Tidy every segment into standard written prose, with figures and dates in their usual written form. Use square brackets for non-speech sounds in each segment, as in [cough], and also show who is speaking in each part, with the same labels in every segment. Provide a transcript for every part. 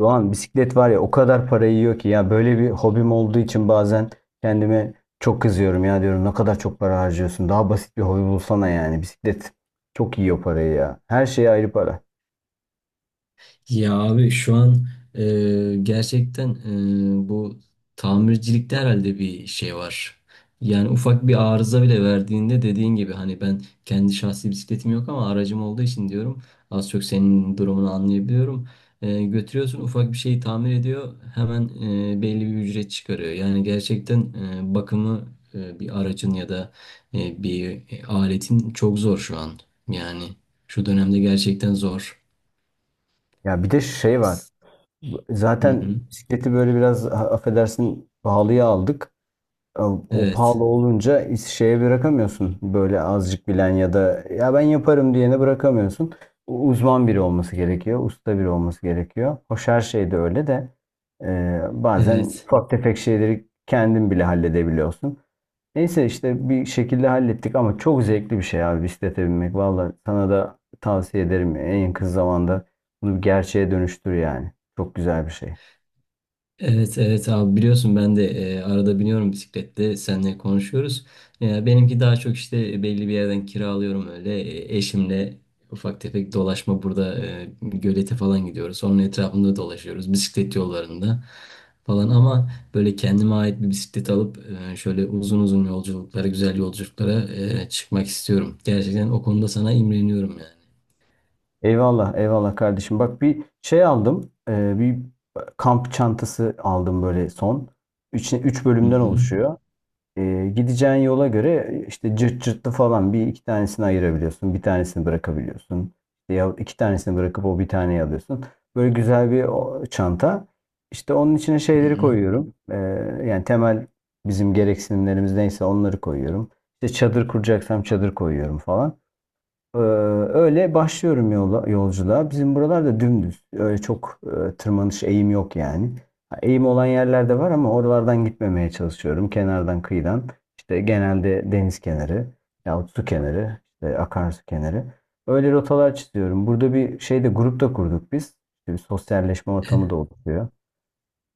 Speaker 1: Doğan bisiklet var ya, o kadar para yiyor ki ya, böyle bir hobim olduğu için bazen kendime çok kızıyorum ya, diyorum ne kadar çok para harcıyorsun, daha basit bir hobi bulsana. Yani bisiklet çok yiyor parayı ya, her şeye ayrı para.
Speaker 2: Ya abi şu an gerçekten bu tamircilikte herhalde bir şey var. Yani ufak bir arıza bile verdiğinde dediğin gibi hani ben kendi şahsi bisikletim yok ama aracım olduğu için diyorum az çok senin durumunu anlayabiliyorum. Götürüyorsun ufak bir şeyi tamir ediyor hemen belli bir ücret çıkarıyor. Yani gerçekten bakımı bir aracın ya da bir aletin çok zor şu an. Yani şu dönemde gerçekten zor.
Speaker 1: Ya bir de şey var,
Speaker 2: Hı
Speaker 1: zaten
Speaker 2: hı.
Speaker 1: bisikleti böyle biraz affedersin, pahalıya aldık. O
Speaker 2: Evet,
Speaker 1: pahalı olunca şeye bırakamıyorsun. Böyle azıcık bilen ya da ya ben yaparım diyene bırakamıyorsun. Uzman biri olması gerekiyor. Usta biri olması gerekiyor. Hoş her şeyde öyle de bazen
Speaker 2: evet,
Speaker 1: ufak tefek şeyleri kendin bile halledebiliyorsun. Neyse işte bir şekilde hallettik, ama çok zevkli bir şey abi bisiklete binmek. Valla sana da tavsiye ederim. En kısa zamanda bunu bir gerçeğe dönüştür yani. Çok güzel bir şey.
Speaker 2: evet, evet abi biliyorsun ben de arada biniyorum bisiklette seninle konuşuyoruz. Benimki daha çok işte belli bir yerden kiralıyorum öyle. Eşimle ufak tefek dolaşma burada gölete falan gidiyoruz. Onun etrafında dolaşıyoruz bisiklet yollarında falan ama böyle kendime ait bir bisiklet alıp şöyle uzun uzun yolculuklara, güzel yolculuklara çıkmak istiyorum. Gerçekten o konuda sana imreniyorum yani.
Speaker 1: Eyvallah, eyvallah kardeşim. Bak bir şey aldım. Bir kamp çantası aldım böyle son. Üç, üç
Speaker 2: Hı
Speaker 1: bölümden
Speaker 2: hı.
Speaker 1: oluşuyor. Gideceğin yola göre işte cırt cırtlı falan bir iki tanesini ayırabiliyorsun. Bir tanesini bırakabiliyorsun. İşte ya iki tanesini bırakıp o bir taneyi alıyorsun. Böyle güzel bir çanta. İşte onun içine
Speaker 2: Hı
Speaker 1: şeyleri
Speaker 2: hı.
Speaker 1: koyuyorum. Yani temel bizim gereksinimlerimiz neyse onları koyuyorum. İşte çadır kuracaksam çadır koyuyorum falan. Ee, Öyle başlıyorum yola, yolculuğa. Bizim buralarda dümdüz. Öyle çok tırmanış, eğim yok yani. Ha, eğim olan yerlerde var ama oralardan gitmemeye çalışıyorum. Kenardan, kıyıdan. İşte genelde deniz kenarı yahut su kenarı, işte akarsu kenarı. Öyle rotalar çiziyorum. Burada bir şeyde grup da kurduk biz. İşte bir sosyalleşme ortamı da oluşuyor.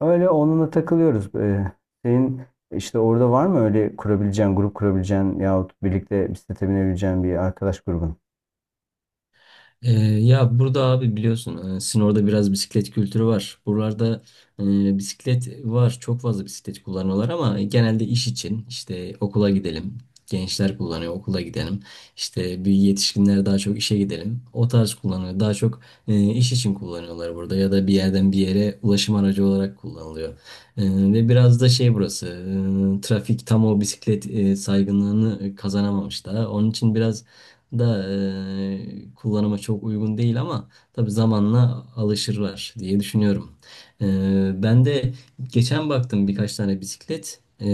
Speaker 1: Öyle onunla takılıyoruz. Senin işte orada var mı öyle kurabileceğin, grup kurabileceğin yahut birlikte bisiklete binebileceğin bir arkadaş grubun?
Speaker 2: Ya burada abi biliyorsun Sinor'da biraz bisiklet kültürü var. Buralarda bisiklet var. Çok fazla bisiklet kullanıyorlar ama genelde iş için işte okula gidelim. Gençler kullanıyor okula gidelim. İşte bir yetişkinler daha çok işe gidelim. O tarz kullanıyor. Daha çok iş için kullanıyorlar burada ya da bir yerden bir yere ulaşım aracı olarak kullanılıyor. E, ve biraz da şey burası trafik tam o bisiklet saygınlığını kazanamamış daha. Onun için biraz da kullanıma çok uygun değil ama tabii zamanla alışırlar diye düşünüyorum. E, ben de geçen baktım birkaç tane bisiklet.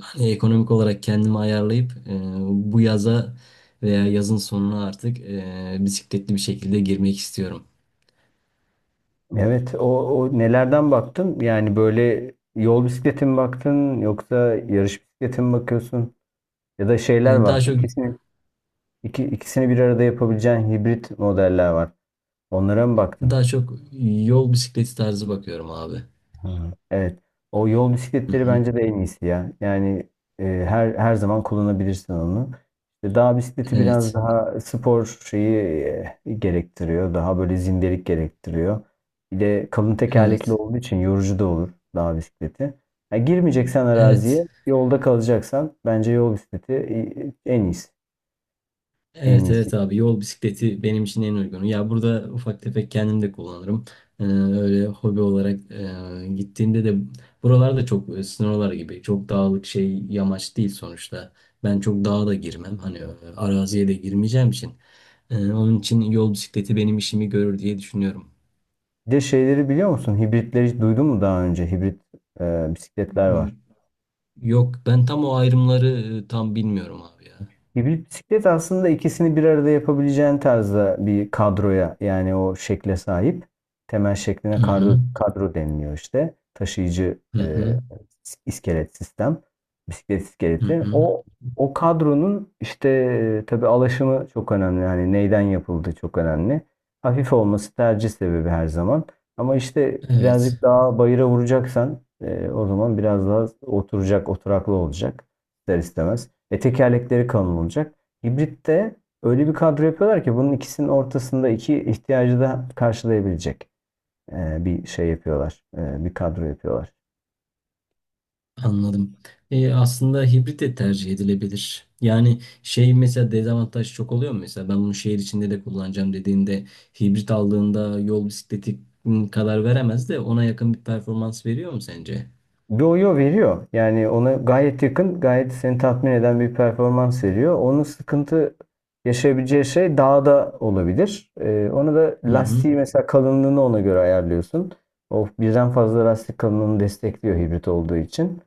Speaker 2: Hani ekonomik olarak kendimi ayarlayıp bu yaza veya yazın sonuna artık bisikletli bir şekilde girmek istiyorum.
Speaker 1: Evet, o nelerden baktın? Yani böyle yol bisikleti mi baktın yoksa yarış bisikleti mi bakıyorsun? Ya da şeyler
Speaker 2: E, daha
Speaker 1: var.
Speaker 2: çok
Speaker 1: İkisini bir arada yapabileceğin hibrit modeller var. Onlara mı baktın?
Speaker 2: daha çok yol bisikleti tarzı bakıyorum abi.
Speaker 1: Hı. Evet. O yol
Speaker 2: Hı
Speaker 1: bisikletleri
Speaker 2: hı.
Speaker 1: bence de en iyisi ya. Yani her zaman kullanabilirsin onu. İşte dağ bisikleti biraz
Speaker 2: Evet.
Speaker 1: daha spor şeyi gerektiriyor. Daha böyle zindelik gerektiriyor. Bir de kalın tekerlekli
Speaker 2: Evet.
Speaker 1: olduğu için yorucu da olur dağ bisikleti. Ha, girmeyeceksen
Speaker 2: Evet.
Speaker 1: araziye, yolda kalacaksan bence yol bisikleti en iyisi. En
Speaker 2: Evet
Speaker 1: iyisi.
Speaker 2: evet abi yol bisikleti benim için en uygunu. Ya burada ufak tefek kendim de kullanırım. Öyle hobi olarak gittiğimde de buralarda çok böyle sınırlar gibi çok dağlık şey yamaç değil sonuçta. Ben çok dağa da girmem hani araziye de girmeyeceğim için. Onun için yol bisikleti benim işimi görür diye düşünüyorum.
Speaker 1: Bir de şeyleri biliyor musun? Hibritleri hiç duydun mu daha önce? Hibrit bisikletler var.
Speaker 2: Y- Yok ben tam o ayrımları tam bilmiyorum abi ya.
Speaker 1: Bir bisiklet aslında ikisini bir arada yapabileceğin tarzda bir kadroya, yani o şekle sahip. Temel şekline
Speaker 2: Hı hı.
Speaker 1: kadro, kadro deniliyor işte. Taşıyıcı,
Speaker 2: Hı hı.
Speaker 1: iskelet sistem. Bisiklet
Speaker 2: Hı
Speaker 1: iskeleti.
Speaker 2: hı.
Speaker 1: O kadronun işte tabii alaşımı çok önemli. Yani neyden yapıldığı çok önemli. Hafif olması tercih sebebi her zaman. Ama işte birazcık
Speaker 2: Evet.
Speaker 1: daha bayıra vuracaksan o zaman biraz daha oturacak, oturaklı olacak ister istemez. E, tekerlekleri kalın olacak. Hibritte öyle bir kadro yapıyorlar ki bunun ikisinin ortasında iki ihtiyacı da karşılayabilecek bir şey yapıyorlar. E, bir kadro yapıyorlar.
Speaker 2: Anladım. Aslında hibrit de tercih edilebilir. Yani şey mesela dezavantaj çok oluyor mu? Mesela ben bunu şehir içinde de kullanacağım dediğinde hibrit aldığında yol bisikleti kadar veremez de ona yakın bir performans veriyor mu sence?
Speaker 1: Yo-yo veriyor. Yani ona gayet yakın, gayet seni tatmin eden bir performans veriyor. Onun sıkıntı yaşayabileceği şey dağda olabilir. Onu da
Speaker 2: Hı hı.
Speaker 1: lastiği mesela, kalınlığını ona göre ayarlıyorsun. O birden fazla lastik kalınlığını destekliyor hibrit olduğu için.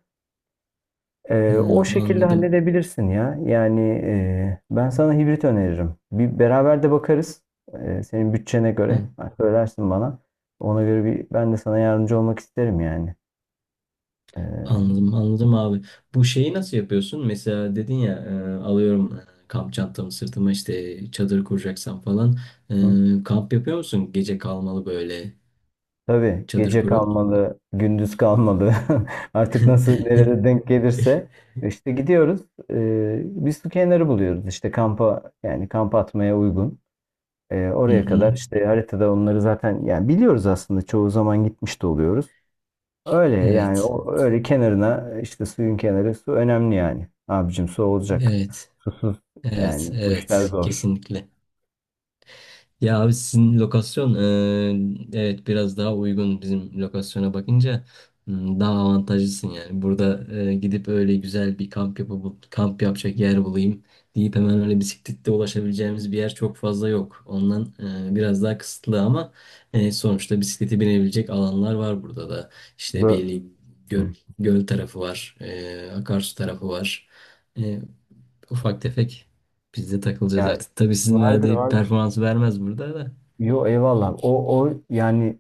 Speaker 2: Hı,
Speaker 1: O şekilde
Speaker 2: anladım.
Speaker 1: halledebilirsin ya. Yani ben sana hibrit öneririm. Bir beraber de bakarız. Senin bütçene göre.
Speaker 2: Hı,
Speaker 1: Ha, söylersin bana. Ona göre bir ben de sana yardımcı olmak isterim yani. Ee,
Speaker 2: anladım. Anladım abi. Bu şeyi nasıl yapıyorsun? Mesela dedin ya alıyorum kamp çantamı sırtıma işte çadır kuracaksam falan.
Speaker 1: hı.
Speaker 2: Kamp yapıyor musun? Gece kalmalı böyle
Speaker 1: Tabii,
Speaker 2: çadır
Speaker 1: gece
Speaker 2: kuruyor musun?
Speaker 1: kalmalı, gündüz kalmalı. [laughs] Artık nasıl
Speaker 2: [laughs]
Speaker 1: nerede denk gelirse işte gidiyoruz. Bir su kenarı buluyoruz. İşte kampa, yani kamp atmaya uygun.
Speaker 2: Hı
Speaker 1: Oraya
Speaker 2: hı.
Speaker 1: kadar işte, haritada onları zaten yani biliyoruz aslında, çoğu zaman gitmiş de oluyoruz. Öyle yani,
Speaker 2: Evet,
Speaker 1: o öyle kenarına, işte suyun kenarı, su önemli yani. Abicim, su olacak.
Speaker 2: evet,
Speaker 1: Susuz
Speaker 2: evet,
Speaker 1: yani bu işler
Speaker 2: evet,
Speaker 1: zor.
Speaker 2: kesinlikle. Ya abi sizin lokasyon, evet biraz daha uygun bizim lokasyona bakınca. Hmm, daha avantajlısın yani. Burada gidip öyle güzel bir kamp yapıp kamp yapacak yer bulayım deyip hemen öyle bisikletle ulaşabileceğimiz bir yer çok fazla yok. Ondan biraz daha kısıtlı ama sonuçta bisiklete binebilecek alanlar var burada da. İşte
Speaker 1: Bu
Speaker 2: belli göl,
Speaker 1: hı.
Speaker 2: göl tarafı var, akarsu tarafı var. Ufak tefek biz de takılacağız
Speaker 1: Yani
Speaker 2: artık. Tabii sizin
Speaker 1: vardır
Speaker 2: verdiği
Speaker 1: vardır.
Speaker 2: performansı vermez burada da.
Speaker 1: Yo, eyvallah. O yani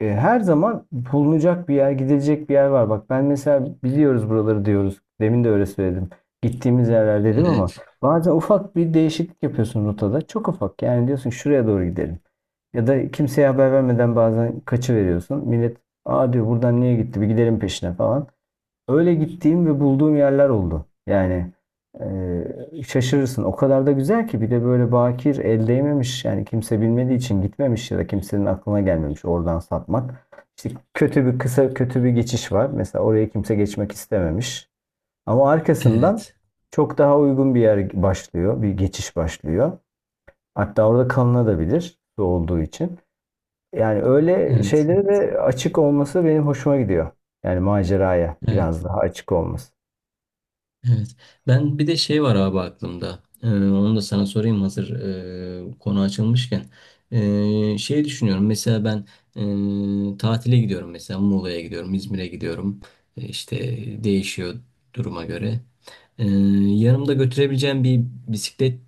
Speaker 1: her zaman bulunacak bir yer, gidilecek bir yer var. Bak ben mesela, biliyoruz buraları diyoruz. Demin de öyle söyledim. Gittiğimiz yerler dedim ama
Speaker 2: Evet,
Speaker 1: bazen ufak bir değişiklik yapıyorsun rotada. Çok ufak. Yani diyorsun şuraya doğru gidelim. Ya da kimseye haber vermeden bazen kaçıveriyorsun. Millet aa diyor, buradan niye gitti, bir gidelim peşine falan. Öyle gittiğim ve bulduğum yerler oldu. Yani şaşırırsın. O kadar da güzel ki, bir de böyle bakir, el değmemiş. Yani kimse bilmediği için gitmemiş ya da kimsenin aklına gelmemiş oradan satmak. İşte kötü bir kısa, kötü bir geçiş var. Mesela oraya kimse geçmek istememiş. Ama arkasından
Speaker 2: evet,
Speaker 1: çok daha uygun bir yer başlıyor. Bir geçiş başlıyor. Hatta orada kalınabilir, su olduğu için. Yani öyle
Speaker 2: evet,
Speaker 1: şeylere de açık olması benim hoşuma gidiyor. Yani maceraya
Speaker 2: evet,
Speaker 1: biraz daha açık olması.
Speaker 2: evet. Ben bir de şey var abi aklımda. Onu da sana sorayım hazır konu açılmışken. Şey düşünüyorum mesela ben tatile gidiyorum mesela Muğla'ya gidiyorum, İzmir'e gidiyorum. İşte değişiyor duruma göre. Ee, Yanımda götürebileceğim bir bisiklet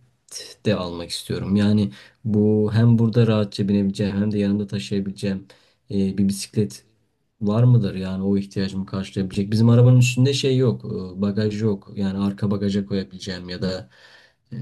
Speaker 2: de almak istiyorum. Yani bu hem burada rahatça binebileceğim hem de yanımda taşıyabileceğim bir bisiklet var mıdır? Yani o ihtiyacımı karşılayabilecek. Bizim arabanın üstünde şey yok, bagaj yok. Yani arka bagaja koyabileceğim ya da e,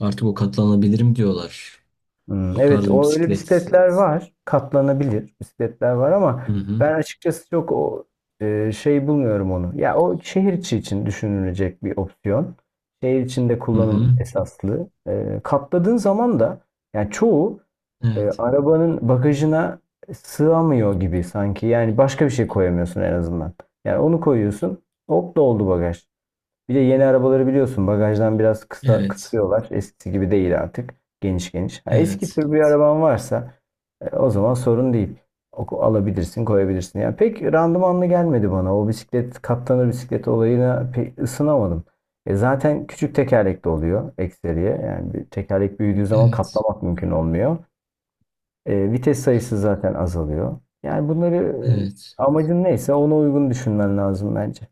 Speaker 2: artık o katlanabilirim diyorlar.
Speaker 1: Hmm,
Speaker 2: O
Speaker 1: evet,
Speaker 2: tarz bir
Speaker 1: o öyle
Speaker 2: bisiklet.
Speaker 1: bisikletler var. Katlanabilir bisikletler var, ama
Speaker 2: Hı hı.
Speaker 1: ben açıkçası çok şey bulmuyorum onu. Ya o şehir içi için düşünülecek bir opsiyon. Şehir içinde
Speaker 2: Hı
Speaker 1: kullanım
Speaker 2: hı.
Speaker 1: esaslı. E, katladığın zaman da yani çoğu
Speaker 2: Evet.
Speaker 1: arabanın bagajına sığamıyor gibi sanki. Yani başka bir şey koyamıyorsun en azından. Yani onu koyuyorsun. Hop, doldu bagaj. Bir de yeni arabaları biliyorsun, bagajdan biraz kısa
Speaker 2: Evet.
Speaker 1: kısıyorlar. Eskisi gibi değil artık. Geniş geniş. Ha, eski
Speaker 2: Evet.
Speaker 1: tür bir araban varsa o zaman sorun değil. Alabilirsin, koyabilirsin. Yani pek randımanlı gelmedi bana. O bisiklet, katlanır bisiklet olayına pek ısınamadım. E zaten küçük tekerlekli oluyor ekseriye. Yani bir tekerlek büyüdüğü zaman
Speaker 2: Evet.
Speaker 1: katlamak mümkün olmuyor. E, vites sayısı zaten azalıyor. Yani bunları
Speaker 2: Evet.
Speaker 1: amacın neyse ona uygun düşünmen lazım bence.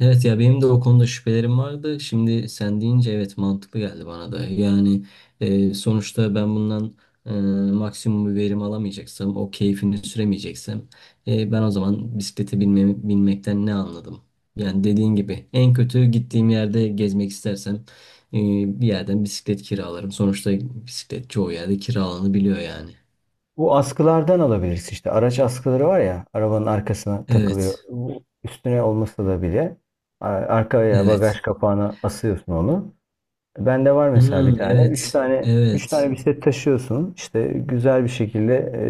Speaker 2: Evet ya benim de o konuda şüphelerim vardı. Şimdi sen deyince evet mantıklı geldi bana da. Yani sonuçta ben bundan e, maksimum bir verim alamayacaksam, o keyfini süremeyeceksem ben o zaman bisiklete binme, binmekten ne anladım? Yani dediğin gibi en kötü gittiğim yerde gezmek istersem e, bir yerden bisiklet kiralarım. Sonuçta bisiklet çoğu yerde kiralanabiliyor yani.
Speaker 1: Bu askılardan alabilirsin işte. Araç askıları var ya, arabanın arkasına takılıyor.
Speaker 2: Evet,
Speaker 1: Bu, üstüne olmasa da bile arkaya, bagaj
Speaker 2: evet.
Speaker 1: kapağına asıyorsun onu. Bende var mesela bir
Speaker 2: Hmm,
Speaker 1: tane. Üç
Speaker 2: evet,
Speaker 1: tane üç tane
Speaker 2: evet.
Speaker 1: bisiklet taşıyorsun. İşte güzel bir şekilde, e,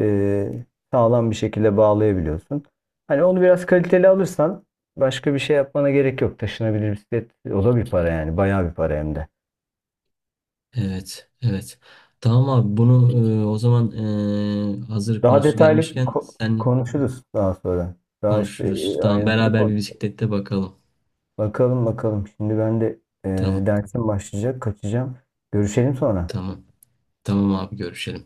Speaker 1: sağlam bir şekilde bağlayabiliyorsun. Hani onu biraz kaliteli alırsan başka bir şey yapmana gerek yok. Taşınabilir bisiklet, o da bir para yani. Bayağı bir para hem de.
Speaker 2: Evet, evet. Tamam abi bunu o zaman hazır
Speaker 1: Daha
Speaker 2: konusu
Speaker 1: detaylı
Speaker 2: gelmişken sen
Speaker 1: konuşuruz daha sonra. Daha şey,
Speaker 2: konuşuruz. Tamam
Speaker 1: ayrıntılı
Speaker 2: beraber
Speaker 1: konuş.
Speaker 2: bir bisiklette bakalım.
Speaker 1: Bakalım bakalım. Şimdi ben de e,
Speaker 2: Tamam,
Speaker 1: dersim başlayacak. Kaçacağım. Görüşelim sonra.
Speaker 2: tamam. Tamam abi görüşelim.